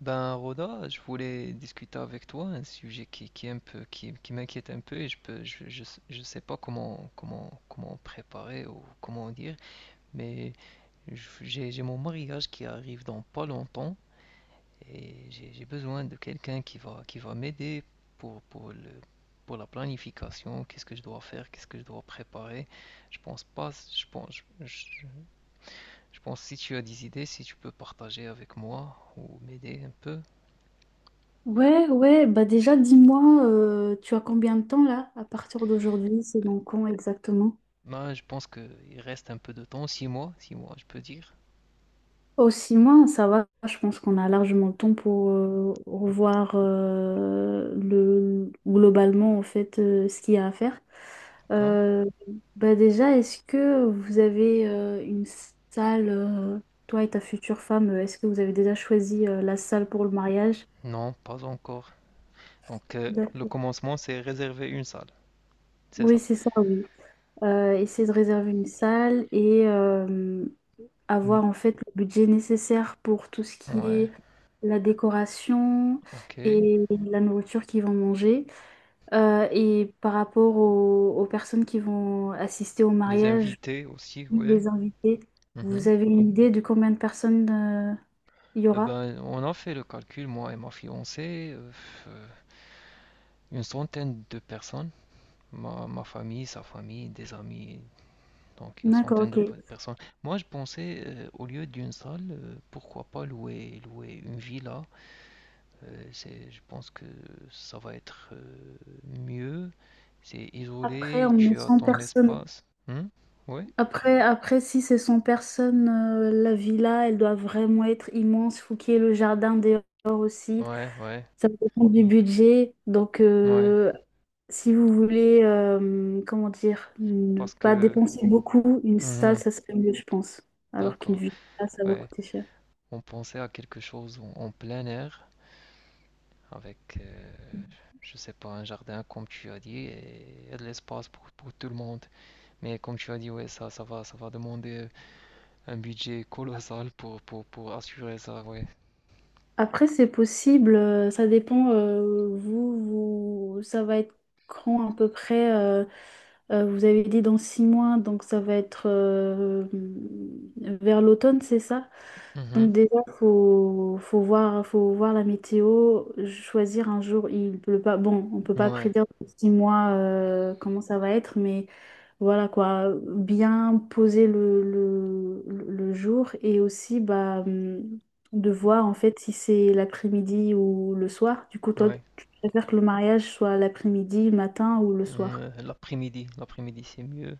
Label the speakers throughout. Speaker 1: Ben, Roda, je voulais discuter avec toi un sujet qui est un peu, qui m'inquiète un peu et je peux, je sais pas comment préparer ou comment dire, mais j'ai mon mariage qui arrive dans pas longtemps et j'ai besoin de quelqu'un qui va m'aider pour, pour le, pour la planification, qu'est-ce que je dois faire, qu'est-ce que je dois préparer. Je pense pas, je, je je pense si tu as des idées, si tu peux partager avec moi ou m'aider un peu.
Speaker 2: Ouais, ouais, bah déjà dis-moi, tu as combien de temps là à partir d'aujourd'hui? C'est dans quand exactement?
Speaker 1: Bah, je pense qu'il reste un peu de temps, six mois, je peux dire.
Speaker 2: Oh, 6 mois, ça va, je pense qu'on a largement le temps pour revoir le, globalement en fait ce qu'il y a à faire.
Speaker 1: D'accord?
Speaker 2: Euh, Bah déjà, est-ce que vous avez une salle, toi et ta future femme, est-ce que vous avez déjà choisi la salle pour le mariage?
Speaker 1: Non, pas encore. Donc, le
Speaker 2: D'accord.
Speaker 1: commencement, c'est réserver une salle, c'est
Speaker 2: Oui,
Speaker 1: ça.
Speaker 2: c'est ça, oui. Essayer de réserver une salle et,
Speaker 1: Mm.
Speaker 2: avoir en fait le budget nécessaire pour tout ce qui
Speaker 1: Ouais,
Speaker 2: est la décoration
Speaker 1: ok.
Speaker 2: et la nourriture qu'ils vont manger. Et par rapport aux personnes qui vont assister au
Speaker 1: Les
Speaker 2: mariage,
Speaker 1: invités aussi, ouais.
Speaker 2: les invités, vous
Speaker 1: Mhm.
Speaker 2: avez une idée de combien de personnes il y aura?
Speaker 1: Ben, on a fait le calcul, moi et ma fiancée, euh, une centaine de personnes. Ma famille, sa famille, des amis, donc une
Speaker 2: D'accord,
Speaker 1: centaine de
Speaker 2: ok.
Speaker 1: personnes. Moi, je pensais, au lieu d'une salle, pourquoi pas louer une villa. Je pense que ça va être mieux. C'est
Speaker 2: Après,
Speaker 1: isolé,
Speaker 2: on est
Speaker 1: tu as
Speaker 2: cent
Speaker 1: ton
Speaker 2: personnes.
Speaker 1: espace. Hmm? Ouais,
Speaker 2: Après, si c'est 100 personnes, la villa, elle doit vraiment être immense. Il faut qu'il y ait le jardin dehors aussi.
Speaker 1: ouais, ouais,
Speaker 2: Ça dépend du budget. Donc,
Speaker 1: ouais.
Speaker 2: si vous voulez, comment dire, ne
Speaker 1: Parce
Speaker 2: pas
Speaker 1: que...
Speaker 2: dépenser beaucoup, une salle,
Speaker 1: Mhm.
Speaker 2: ça serait mieux, je pense. Alors qu'une
Speaker 1: D'accord,
Speaker 2: villa, ça va
Speaker 1: ouais.
Speaker 2: coûter cher.
Speaker 1: On pensait à quelque chose en plein air, avec, je sais pas, un jardin, comme tu as dit, et de l'espace pour tout le monde. Mais comme tu as dit, ouais, ça va demander un budget colossal pour assurer ça, ouais.
Speaker 2: Après, c'est possible, ça dépend, vous, ça va être quand à peu près, vous avez dit dans 6 mois, donc ça va être vers l'automne, c'est ça?
Speaker 1: Mhm.
Speaker 2: Donc déjà, faut voir la météo, choisir un jour, il pleut pas, bon, on peut pas
Speaker 1: Ouais,
Speaker 2: prédire dans 6 mois comment ça va être, mais voilà quoi, bien poser le jour et aussi bah, de voir en fait si c'est l'après-midi ou le soir. Du coup, toi,
Speaker 1: ouais.
Speaker 2: tu préfères que le mariage soit l'après-midi, le matin ou le soir?
Speaker 1: L'après-midi c'est mieux.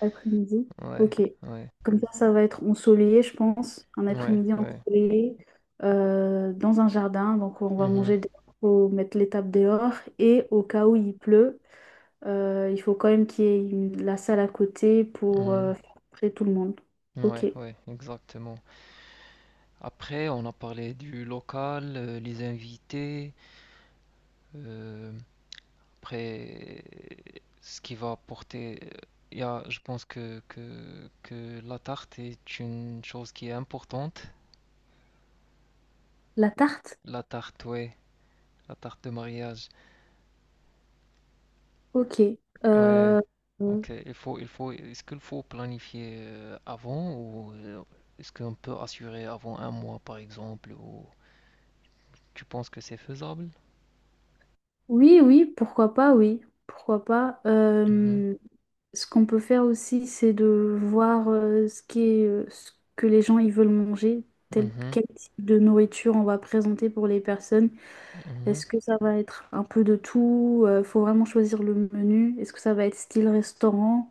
Speaker 2: Après-midi.
Speaker 1: Ouais,
Speaker 2: Ok.
Speaker 1: ouais,
Speaker 2: Comme ça va être ensoleillé, je pense. Un
Speaker 1: ouais,
Speaker 2: après-midi
Speaker 1: ouais.
Speaker 2: ensoleillé dans un jardin. Donc, on va
Speaker 1: Mhm,
Speaker 2: manger dehors, faut mettre les tables dehors. Et au cas où il pleut, il faut quand même qu'il y ait la salle à côté pour
Speaker 1: mhm.
Speaker 2: faire entrer tout le monde. Ok.
Speaker 1: Ouais, ouais, exactement. Après, on a parlé du local, les invités. euh, Après, ce qui va apporter. Il y a, je pense que la tarte est une chose qui est importante.
Speaker 2: La tarte?
Speaker 1: La tarte, ouais, la tarte de mariage.
Speaker 2: Ok.
Speaker 1: Ouais,
Speaker 2: Euh, euh,
Speaker 1: ok, est-ce qu'il faut planifier avant ou est-ce qu'on peut assurer avant un mois par exemple ou tu penses que c'est faisable?
Speaker 2: oui, oui, pourquoi pas, oui. Pourquoi pas.
Speaker 1: Mhm,
Speaker 2: Ce qu'on peut faire aussi, c'est de voir ce que les gens ils veulent manger,
Speaker 1: mhm,
Speaker 2: quel type de nourriture on va présenter pour les personnes.
Speaker 1: mhm,
Speaker 2: Est-ce que ça va être un peu de tout? Il faut vraiment choisir le menu. Est-ce que ça va être style restaurant?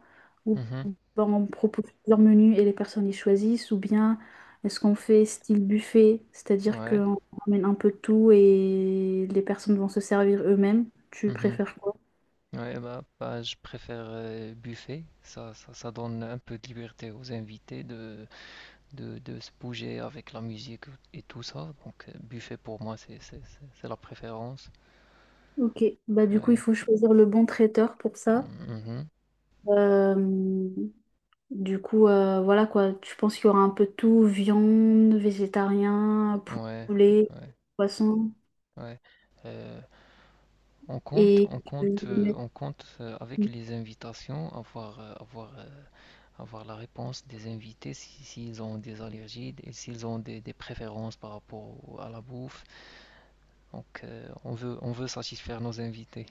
Speaker 1: mhm.
Speaker 2: Bon, on propose plusieurs menus et les personnes y choisissent, ou bien est-ce qu'on fait style buffet, c'est-à-dire
Speaker 1: Ouais,
Speaker 2: qu'on ramène un peu de tout et les personnes vont se servir eux-mêmes. Tu
Speaker 1: mhm.
Speaker 2: préfères quoi?
Speaker 1: Ouais, bah, je préfère buffet. Ça donne un peu de liberté aux invités de se bouger avec la musique et tout ça. Donc, buffet pour moi, c'est la préférence.
Speaker 2: Ok, bah du coup il
Speaker 1: Ouais,
Speaker 2: faut choisir le bon traiteur pour ça.
Speaker 1: mhm,
Speaker 2: Euh, du coup voilà quoi, tu penses qu'il y aura un peu de tout, viande, végétarien,
Speaker 1: ouais,
Speaker 2: poulet,
Speaker 1: ouais.
Speaker 2: poisson
Speaker 1: Ouais. Euh, on compte,
Speaker 2: et
Speaker 1: on
Speaker 2: tu
Speaker 1: compte,
Speaker 2: veux mettre-
Speaker 1: on compte avec les invitations, avoir la réponse des invités s'ils ont des allergies et s'ils ont des préférences par rapport à la bouffe. Donc on veut satisfaire nos invités.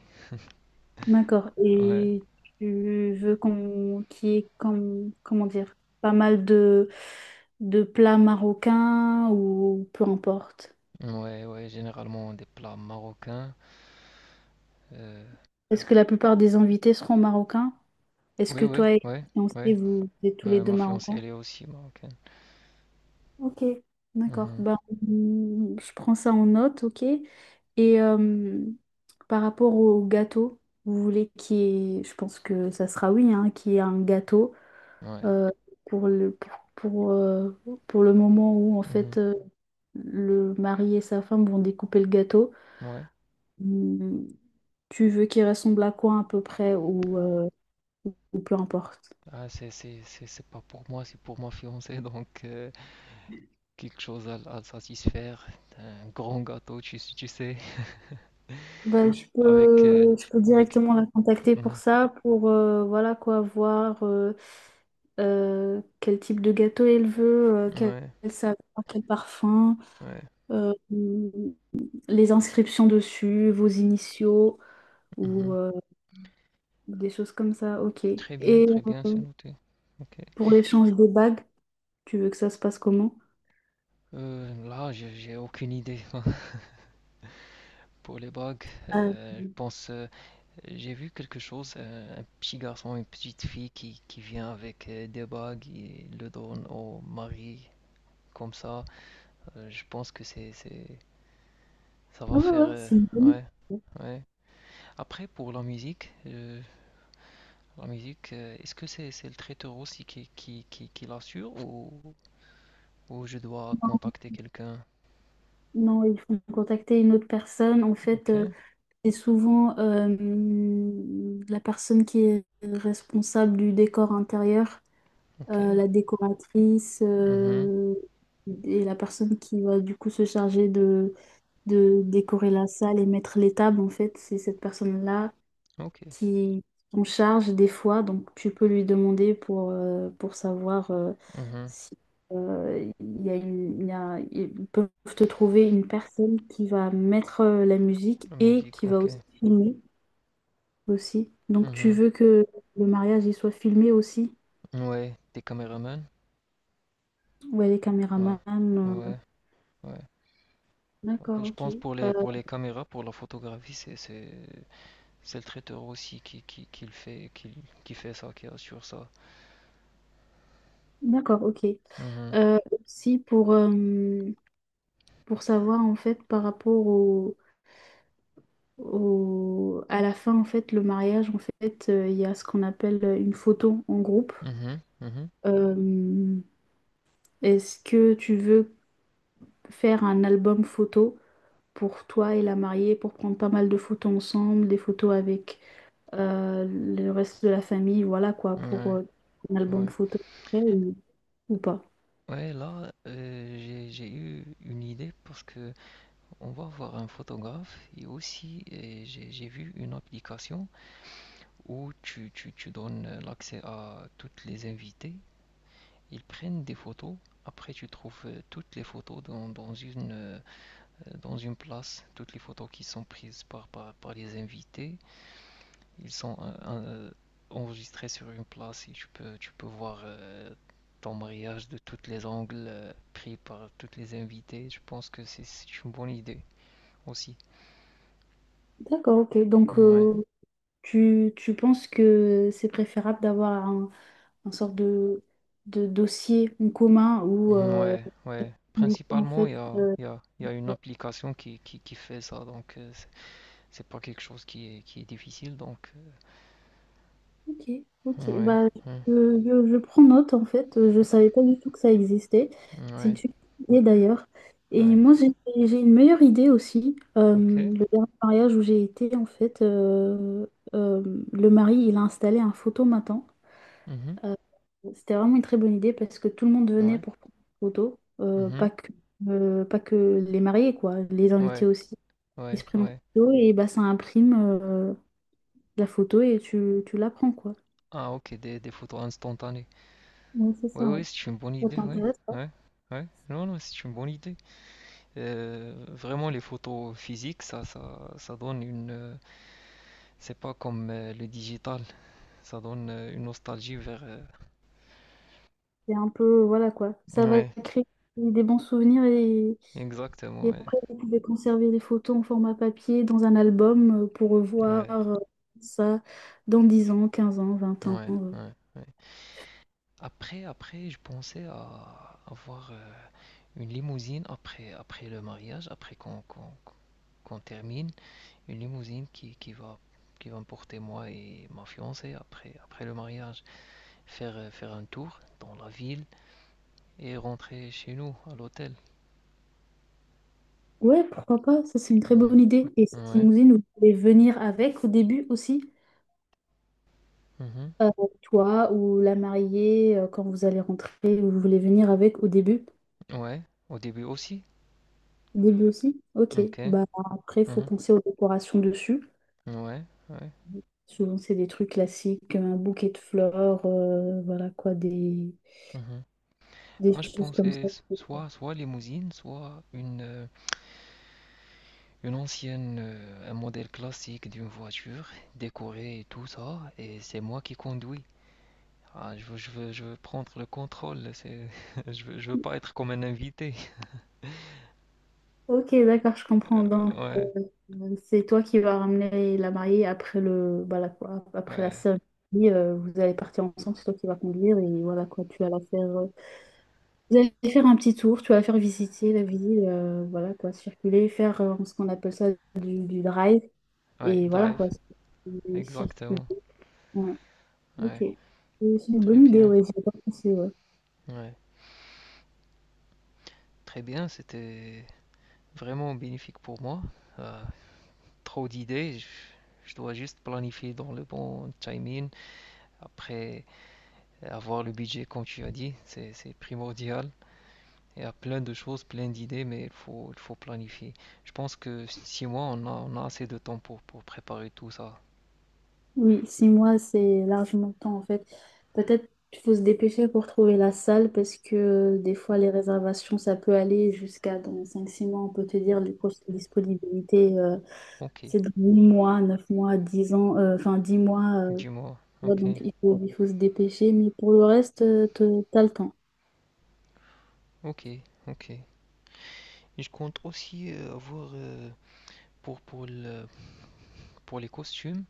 Speaker 2: D'accord.
Speaker 1: Ouais,
Speaker 2: Et tu veux qu'il y ait comment dire pas mal de plats marocains ou peu importe.
Speaker 1: ouais, ouais. Généralement des plats marocains. Euh,
Speaker 2: Est-ce que la plupart des invités seront marocains? Est-ce que
Speaker 1: ouais, ouais,
Speaker 2: toi et
Speaker 1: ouais,
Speaker 2: ton fiancé,
Speaker 1: ouais.
Speaker 2: vous êtes tous les
Speaker 1: Ma,
Speaker 2: deux
Speaker 1: ma fiancée,
Speaker 2: marocains?
Speaker 1: elle est aussi marocaine.
Speaker 2: Ok, d'accord.
Speaker 1: Mhm.
Speaker 2: Ben, je prends ça en note, ok. Et par rapport au gâteau, vous voulez qu'il y ait, je pense que ça sera oui, hein, qu'il y ait un gâteau.
Speaker 1: Ouais,
Speaker 2: euh, pour le, pour, pour, euh, pour le moment où en
Speaker 1: mhm.
Speaker 2: fait le mari et sa femme vont découper le gâteau.
Speaker 1: Ouais.
Speaker 2: Hmm, Tu veux qu'il ressemble à quoi à peu près ou peu importe?
Speaker 1: Ah, c'est pas pour moi, c'est pour ma fiancée, donc. Quelque chose à satisfaire, un grand gâteau, tu sais.
Speaker 2: Bah,
Speaker 1: avec... euh,
Speaker 2: je peux
Speaker 1: avec...
Speaker 2: directement la contacter pour
Speaker 1: Mhm.
Speaker 2: ça, pour voilà quoi, voir quel type de gâteau elle veut, quel
Speaker 1: Ouais,
Speaker 2: saveur, quel parfum,
Speaker 1: ouais.
Speaker 2: euh, hum, les inscriptions dessus, vos initiaux ou
Speaker 1: Mhm.
Speaker 2: Des choses comme ça, ok. Et
Speaker 1: Très bien,
Speaker 2: euh,
Speaker 1: c'est noté. Ok.
Speaker 2: pour l'échange des bagues, tu veux que ça se passe comment?
Speaker 1: Là, j'ai aucune idée pour les bagues.
Speaker 2: Euh,
Speaker 1: Je pense, j'ai vu quelque chose, un petit garçon, une petite fille qui vient avec des bagues et le donne au mari comme ça. Je pense que ça va
Speaker 2: Ah ouais,
Speaker 1: faire,
Speaker 2: ouais, c'est une bonne
Speaker 1: ouais,
Speaker 2: idée.
Speaker 1: ouais. Après, pour la musique, la musique, est-ce que c'est le traiteur aussi qui l'assure ou je dois contacter quelqu'un?
Speaker 2: Non, il faut contacter une autre personne. En fait,
Speaker 1: Ok,
Speaker 2: c'est souvent la personne qui est responsable du décor intérieur,
Speaker 1: ok,
Speaker 2: la décoratrice
Speaker 1: mhm,
Speaker 2: et la personne qui va du coup se charger de décorer la salle et mettre les tables. En fait, c'est cette personne-là
Speaker 1: ok,
Speaker 2: qui en charge des fois, donc tu peux lui demander pour savoir
Speaker 1: mhm.
Speaker 2: si il y a une- il y a- ils peuvent te trouver une personne qui va mettre la musique
Speaker 1: La
Speaker 2: et
Speaker 1: musique,
Speaker 2: qui va
Speaker 1: ok,
Speaker 2: aussi filmer aussi. Donc tu
Speaker 1: mhm.
Speaker 2: veux que le mariage il soit filmé aussi?
Speaker 1: Ouais, des caméramans?
Speaker 2: Ouais, les
Speaker 1: Ouais,
Speaker 2: caméramans.
Speaker 1: ouais, ouais. Ok,
Speaker 2: D'accord,
Speaker 1: je
Speaker 2: ok.
Speaker 1: pense,
Speaker 2: Euh,
Speaker 1: pour les caméras, pour la photographie, c'est le traiteur aussi qui le fait, qui fait ça, qui assure ça.
Speaker 2: D'accord, ok.
Speaker 1: Mhm,
Speaker 2: Euh, Aussi pour savoir en fait par rapport au à la fin, en fait, le mariage, en fait, il y a ce qu'on appelle une photo en groupe.
Speaker 1: mhm, mhm.
Speaker 2: Euh, Est-ce que tu veux faire un album photo pour toi et la mariée, pour prendre pas mal de photos ensemble, des photos avec le reste de la famille, voilà quoi, pour
Speaker 1: Ouais,
Speaker 2: un album
Speaker 1: ouais.
Speaker 2: photo après ou, pas?
Speaker 1: Ouais, là, j'ai eu une idée. Parce que on va voir un photographe et aussi j'ai vu une application où tu donnes l'accès à toutes les invités, ils prennent des photos, après tu trouves toutes les photos dans une place, toutes les photos qui sont prises par les invités, ils sont enregistrés sur une place et tu peux voir ton mariage de tous les angles, pris par tous les invités. Je pense que c'est une bonne idée aussi.
Speaker 2: D'accord, ok. Donc,
Speaker 1: Ouais.
Speaker 2: tu penses que c'est préférable d'avoir un sorte de dossier en commun où
Speaker 1: Mm, ouais, ouais.
Speaker 2: Mais en
Speaker 1: Principalement,
Speaker 2: fait,
Speaker 1: il y a une application qui fait ça, donc c'est pas quelque chose qui est difficile, donc
Speaker 2: ok, ok,
Speaker 1: ouais,
Speaker 2: bah,
Speaker 1: hein,
Speaker 2: je, je prends note en fait, je savais pas du tout que ça existait. C'est
Speaker 1: ouais,
Speaker 2: une super idée d'ailleurs. Et
Speaker 1: ouais,
Speaker 2: moi, j'ai une meilleure idée aussi.
Speaker 1: ok,
Speaker 2: Le dernier mariage où j'ai été, en fait, le mari, il a installé un photomaton.
Speaker 1: mhm,
Speaker 2: Euh, C'était vraiment une très bonne idée parce que tout le monde venait
Speaker 1: ouais,
Speaker 2: pour prendre des photos. Euh, pas
Speaker 1: mhm,
Speaker 2: que, pas que les mariés, quoi, les
Speaker 1: ouais,
Speaker 2: invités aussi. Ils
Speaker 1: ouais,
Speaker 2: se prennent en
Speaker 1: ouais.
Speaker 2: photo et bah, ça imprime euh, la photo et tu la prends, quoi.
Speaker 1: Ah, ok, des photos instantanées.
Speaker 2: Oui, c'est
Speaker 1: Oui,
Speaker 2: ça, ouais.
Speaker 1: oui, c'est une bonne
Speaker 2: Ça
Speaker 1: idée, oui,
Speaker 2: t'intéresse pas?
Speaker 1: ouais, ouais. Non, non, c'est une bonne idée. Vraiment, les photos physiques, ça donne une, c'est pas comme le digital, ça donne une nostalgie vers.
Speaker 2: C'est un peu, voilà quoi. Ça va
Speaker 1: Ouais,
Speaker 2: créer des bons souvenirs
Speaker 1: exactement,
Speaker 2: et
Speaker 1: ouais.
Speaker 2: après, vous pouvez conserver les photos en format papier dans un album pour revoir
Speaker 1: Ouais,
Speaker 2: ça dans 10 ans, 15 ans, 20 ans.
Speaker 1: ouais,
Speaker 2: euh.
Speaker 1: ouais, ouais. Après, je pensais à avoir une limousine après, après le mariage, après qu'on qu'on termine, une limousine qui va me porter moi et ma fiancée après, après le mariage, faire un tour dans la ville et rentrer chez nous à l'hôtel.
Speaker 2: Ouais, pourquoi pas? Ça, c'est une très
Speaker 1: Mm.
Speaker 2: bonne idée. Et cette
Speaker 1: Ouais,
Speaker 2: limousine, vous pouvez venir avec au début aussi.
Speaker 1: mhm.
Speaker 2: Euh, Toi ou la mariée, quand vous allez rentrer, vous voulez venir avec au début.
Speaker 1: Ouais, au début aussi.
Speaker 2: Au début aussi? Ok.
Speaker 1: Ok,
Speaker 2: Bah, après, il faut
Speaker 1: mhm.
Speaker 2: penser aux décorations dessus.
Speaker 1: Ouais, ouais,
Speaker 2: Souvent, c'est des trucs classiques, un bouquet de fleurs, voilà quoi,
Speaker 1: mhm.
Speaker 2: des
Speaker 1: Moi, je
Speaker 2: choses comme
Speaker 1: pensais
Speaker 2: ça.
Speaker 1: soit, soit limousine, soit une ancienne, un modèle classique d'une voiture, décorée et tout ça, et c'est moi qui conduis. Ah, je veux prendre le contrôle, c'est, je veux pas être comme un invité.
Speaker 2: Ok, d'accord, je comprends. Donc,
Speaker 1: Ouais,
Speaker 2: c'est toi qui vas ramener la mariée voilà quoi, après la
Speaker 1: ouais,
Speaker 2: cérémonie. Vous allez partir ensemble, c'est toi qui vas conduire et voilà quoi, tu vas la faire. Vous allez faire un petit tour, tu vas la faire visiter la ville, voilà quoi, circuler, faire ce qu'on appelle ça du drive
Speaker 1: ouais,
Speaker 2: et voilà quoi,
Speaker 1: drive,
Speaker 2: circuler. Circuler.
Speaker 1: exactement.
Speaker 2: Ouais, ok.
Speaker 1: Ouais,
Speaker 2: Et c'est une
Speaker 1: très
Speaker 2: bonne idée,
Speaker 1: bien.
Speaker 2: ouais, j'y ai pas pensé, ouais.
Speaker 1: Ouais, très bien, c'était vraiment bénéfique pour moi. Euh, Trop d'idées, je dois juste planifier dans le bon timing. Après, avoir le budget, comme tu as dit, c'est primordial. Il y a plein de choses, plein d'idées, mais il faut planifier. Je pense que 6 mois, on a assez de temps pour préparer tout ça.
Speaker 2: Oui, 6 mois, c'est largement le temps en fait. Peut-être qu'il faut se dépêcher pour trouver la salle parce que des fois les réservations, ça peut aller jusqu'à dans 5-6 mois. On peut te dire les prochaines disponibilités,
Speaker 1: Ok,
Speaker 2: c'est dans 8 mois, 9 mois, 10 ans, enfin 10 mois.
Speaker 1: dis-moi.
Speaker 2: Tu vois,
Speaker 1: Ok,
Speaker 2: donc il faut se dépêcher. Mais pour le reste, t'as le temps.
Speaker 1: ok, ok. Et je compte aussi avoir pour, pour le, pour les costumes.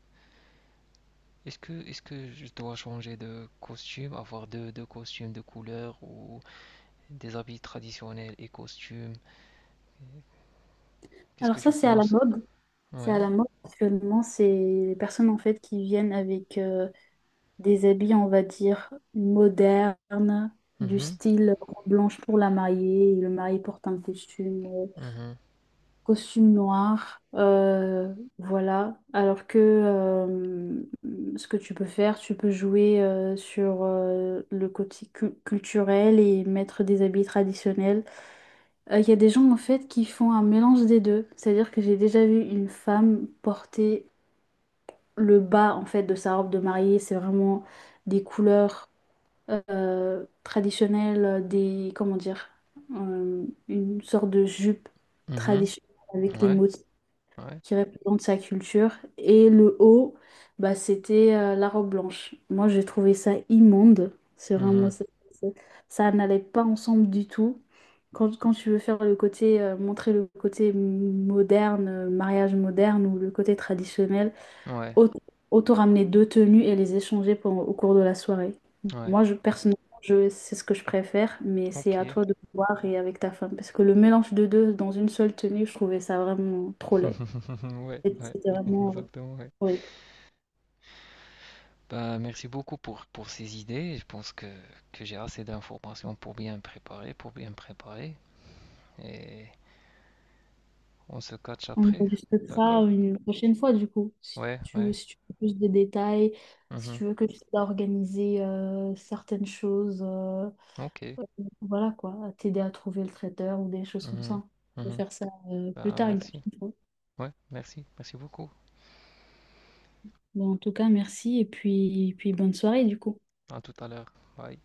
Speaker 1: Est-ce que je dois changer de costume, avoir deux costumes de couleur ou des habits traditionnels et costumes? Qu'est-ce
Speaker 2: Alors
Speaker 1: que
Speaker 2: ça,
Speaker 1: tu
Speaker 2: c'est à la
Speaker 1: penses?
Speaker 2: mode. C'est à
Speaker 1: Ouais.
Speaker 2: la mode actuellement. C'est les personnes en fait qui viennent avec des habits, on va dire, modernes, du
Speaker 1: Mhm.
Speaker 2: style robe blanche pour la mariée. Et le mari porte un costume, euh,
Speaker 1: Mhm.
Speaker 2: costume noir. Voilà. Alors que ce que tu peux faire, tu peux jouer sur le côté culturel et mettre des habits traditionnels. Il y a des gens en fait qui font un mélange des deux. C'est-à-dire que j'ai déjà vu une femme porter le bas en fait de sa robe de mariée. C'est vraiment des couleurs traditionnelle comment dire, une sorte de jupe
Speaker 1: Mhm.
Speaker 2: traditionnelle avec les
Speaker 1: Ouais.
Speaker 2: motifs
Speaker 1: Ouais.
Speaker 2: qui représentent sa culture. Et le haut, bah, c'était la robe blanche. Moi, j'ai trouvé ça immonde. C'est vraiment
Speaker 1: Mhm.
Speaker 2: ça. Ça n'allait pas ensemble du tout. Quand tu veux montrer le côté moderne, mariage moderne ou le côté traditionnel,
Speaker 1: Ouais.
Speaker 2: au- Autant ramener deux tenues et les échanger au cours de la soirée.
Speaker 1: Ouais.
Speaker 2: Moi, je, personnellement, je, c'est ce que je préfère, mais c'est à
Speaker 1: Ok.
Speaker 2: toi de voir et avec ta femme. Parce que le mélange de deux dans une seule tenue, je trouvais ça vraiment trop laid.
Speaker 1: Ouais.
Speaker 2: Et
Speaker 1: Ouais.
Speaker 2: c'était vraiment
Speaker 1: Exactement. Ouais.
Speaker 2: horrible.
Speaker 1: Bah, merci beaucoup pour ces idées. Je pense que j'ai assez d'informations pour bien me préparer, pour bien me préparer. Et on se catch
Speaker 2: On
Speaker 1: après.
Speaker 2: enregistrera
Speaker 1: D'accord?
Speaker 2: une prochaine fois, du coup,
Speaker 1: Ouais. Ouais.
Speaker 2: si tu veux plus de détails, si
Speaker 1: Mhm.
Speaker 2: tu veux que je t'aide à organiser certaines choses,
Speaker 1: Ok.
Speaker 2: euh, voilà quoi, à t'aider à trouver le traiteur ou des choses comme
Speaker 1: Mhm.
Speaker 2: ça. On peut
Speaker 1: Mhm.
Speaker 2: faire ça plus
Speaker 1: Bah,
Speaker 2: tard, une
Speaker 1: merci.
Speaker 2: prochaine fois.
Speaker 1: Ouais. Merci. Merci beaucoup.
Speaker 2: Bon, en tout cas, merci et puis, bonne soirée du coup.
Speaker 1: À tout à l'heure. Bye.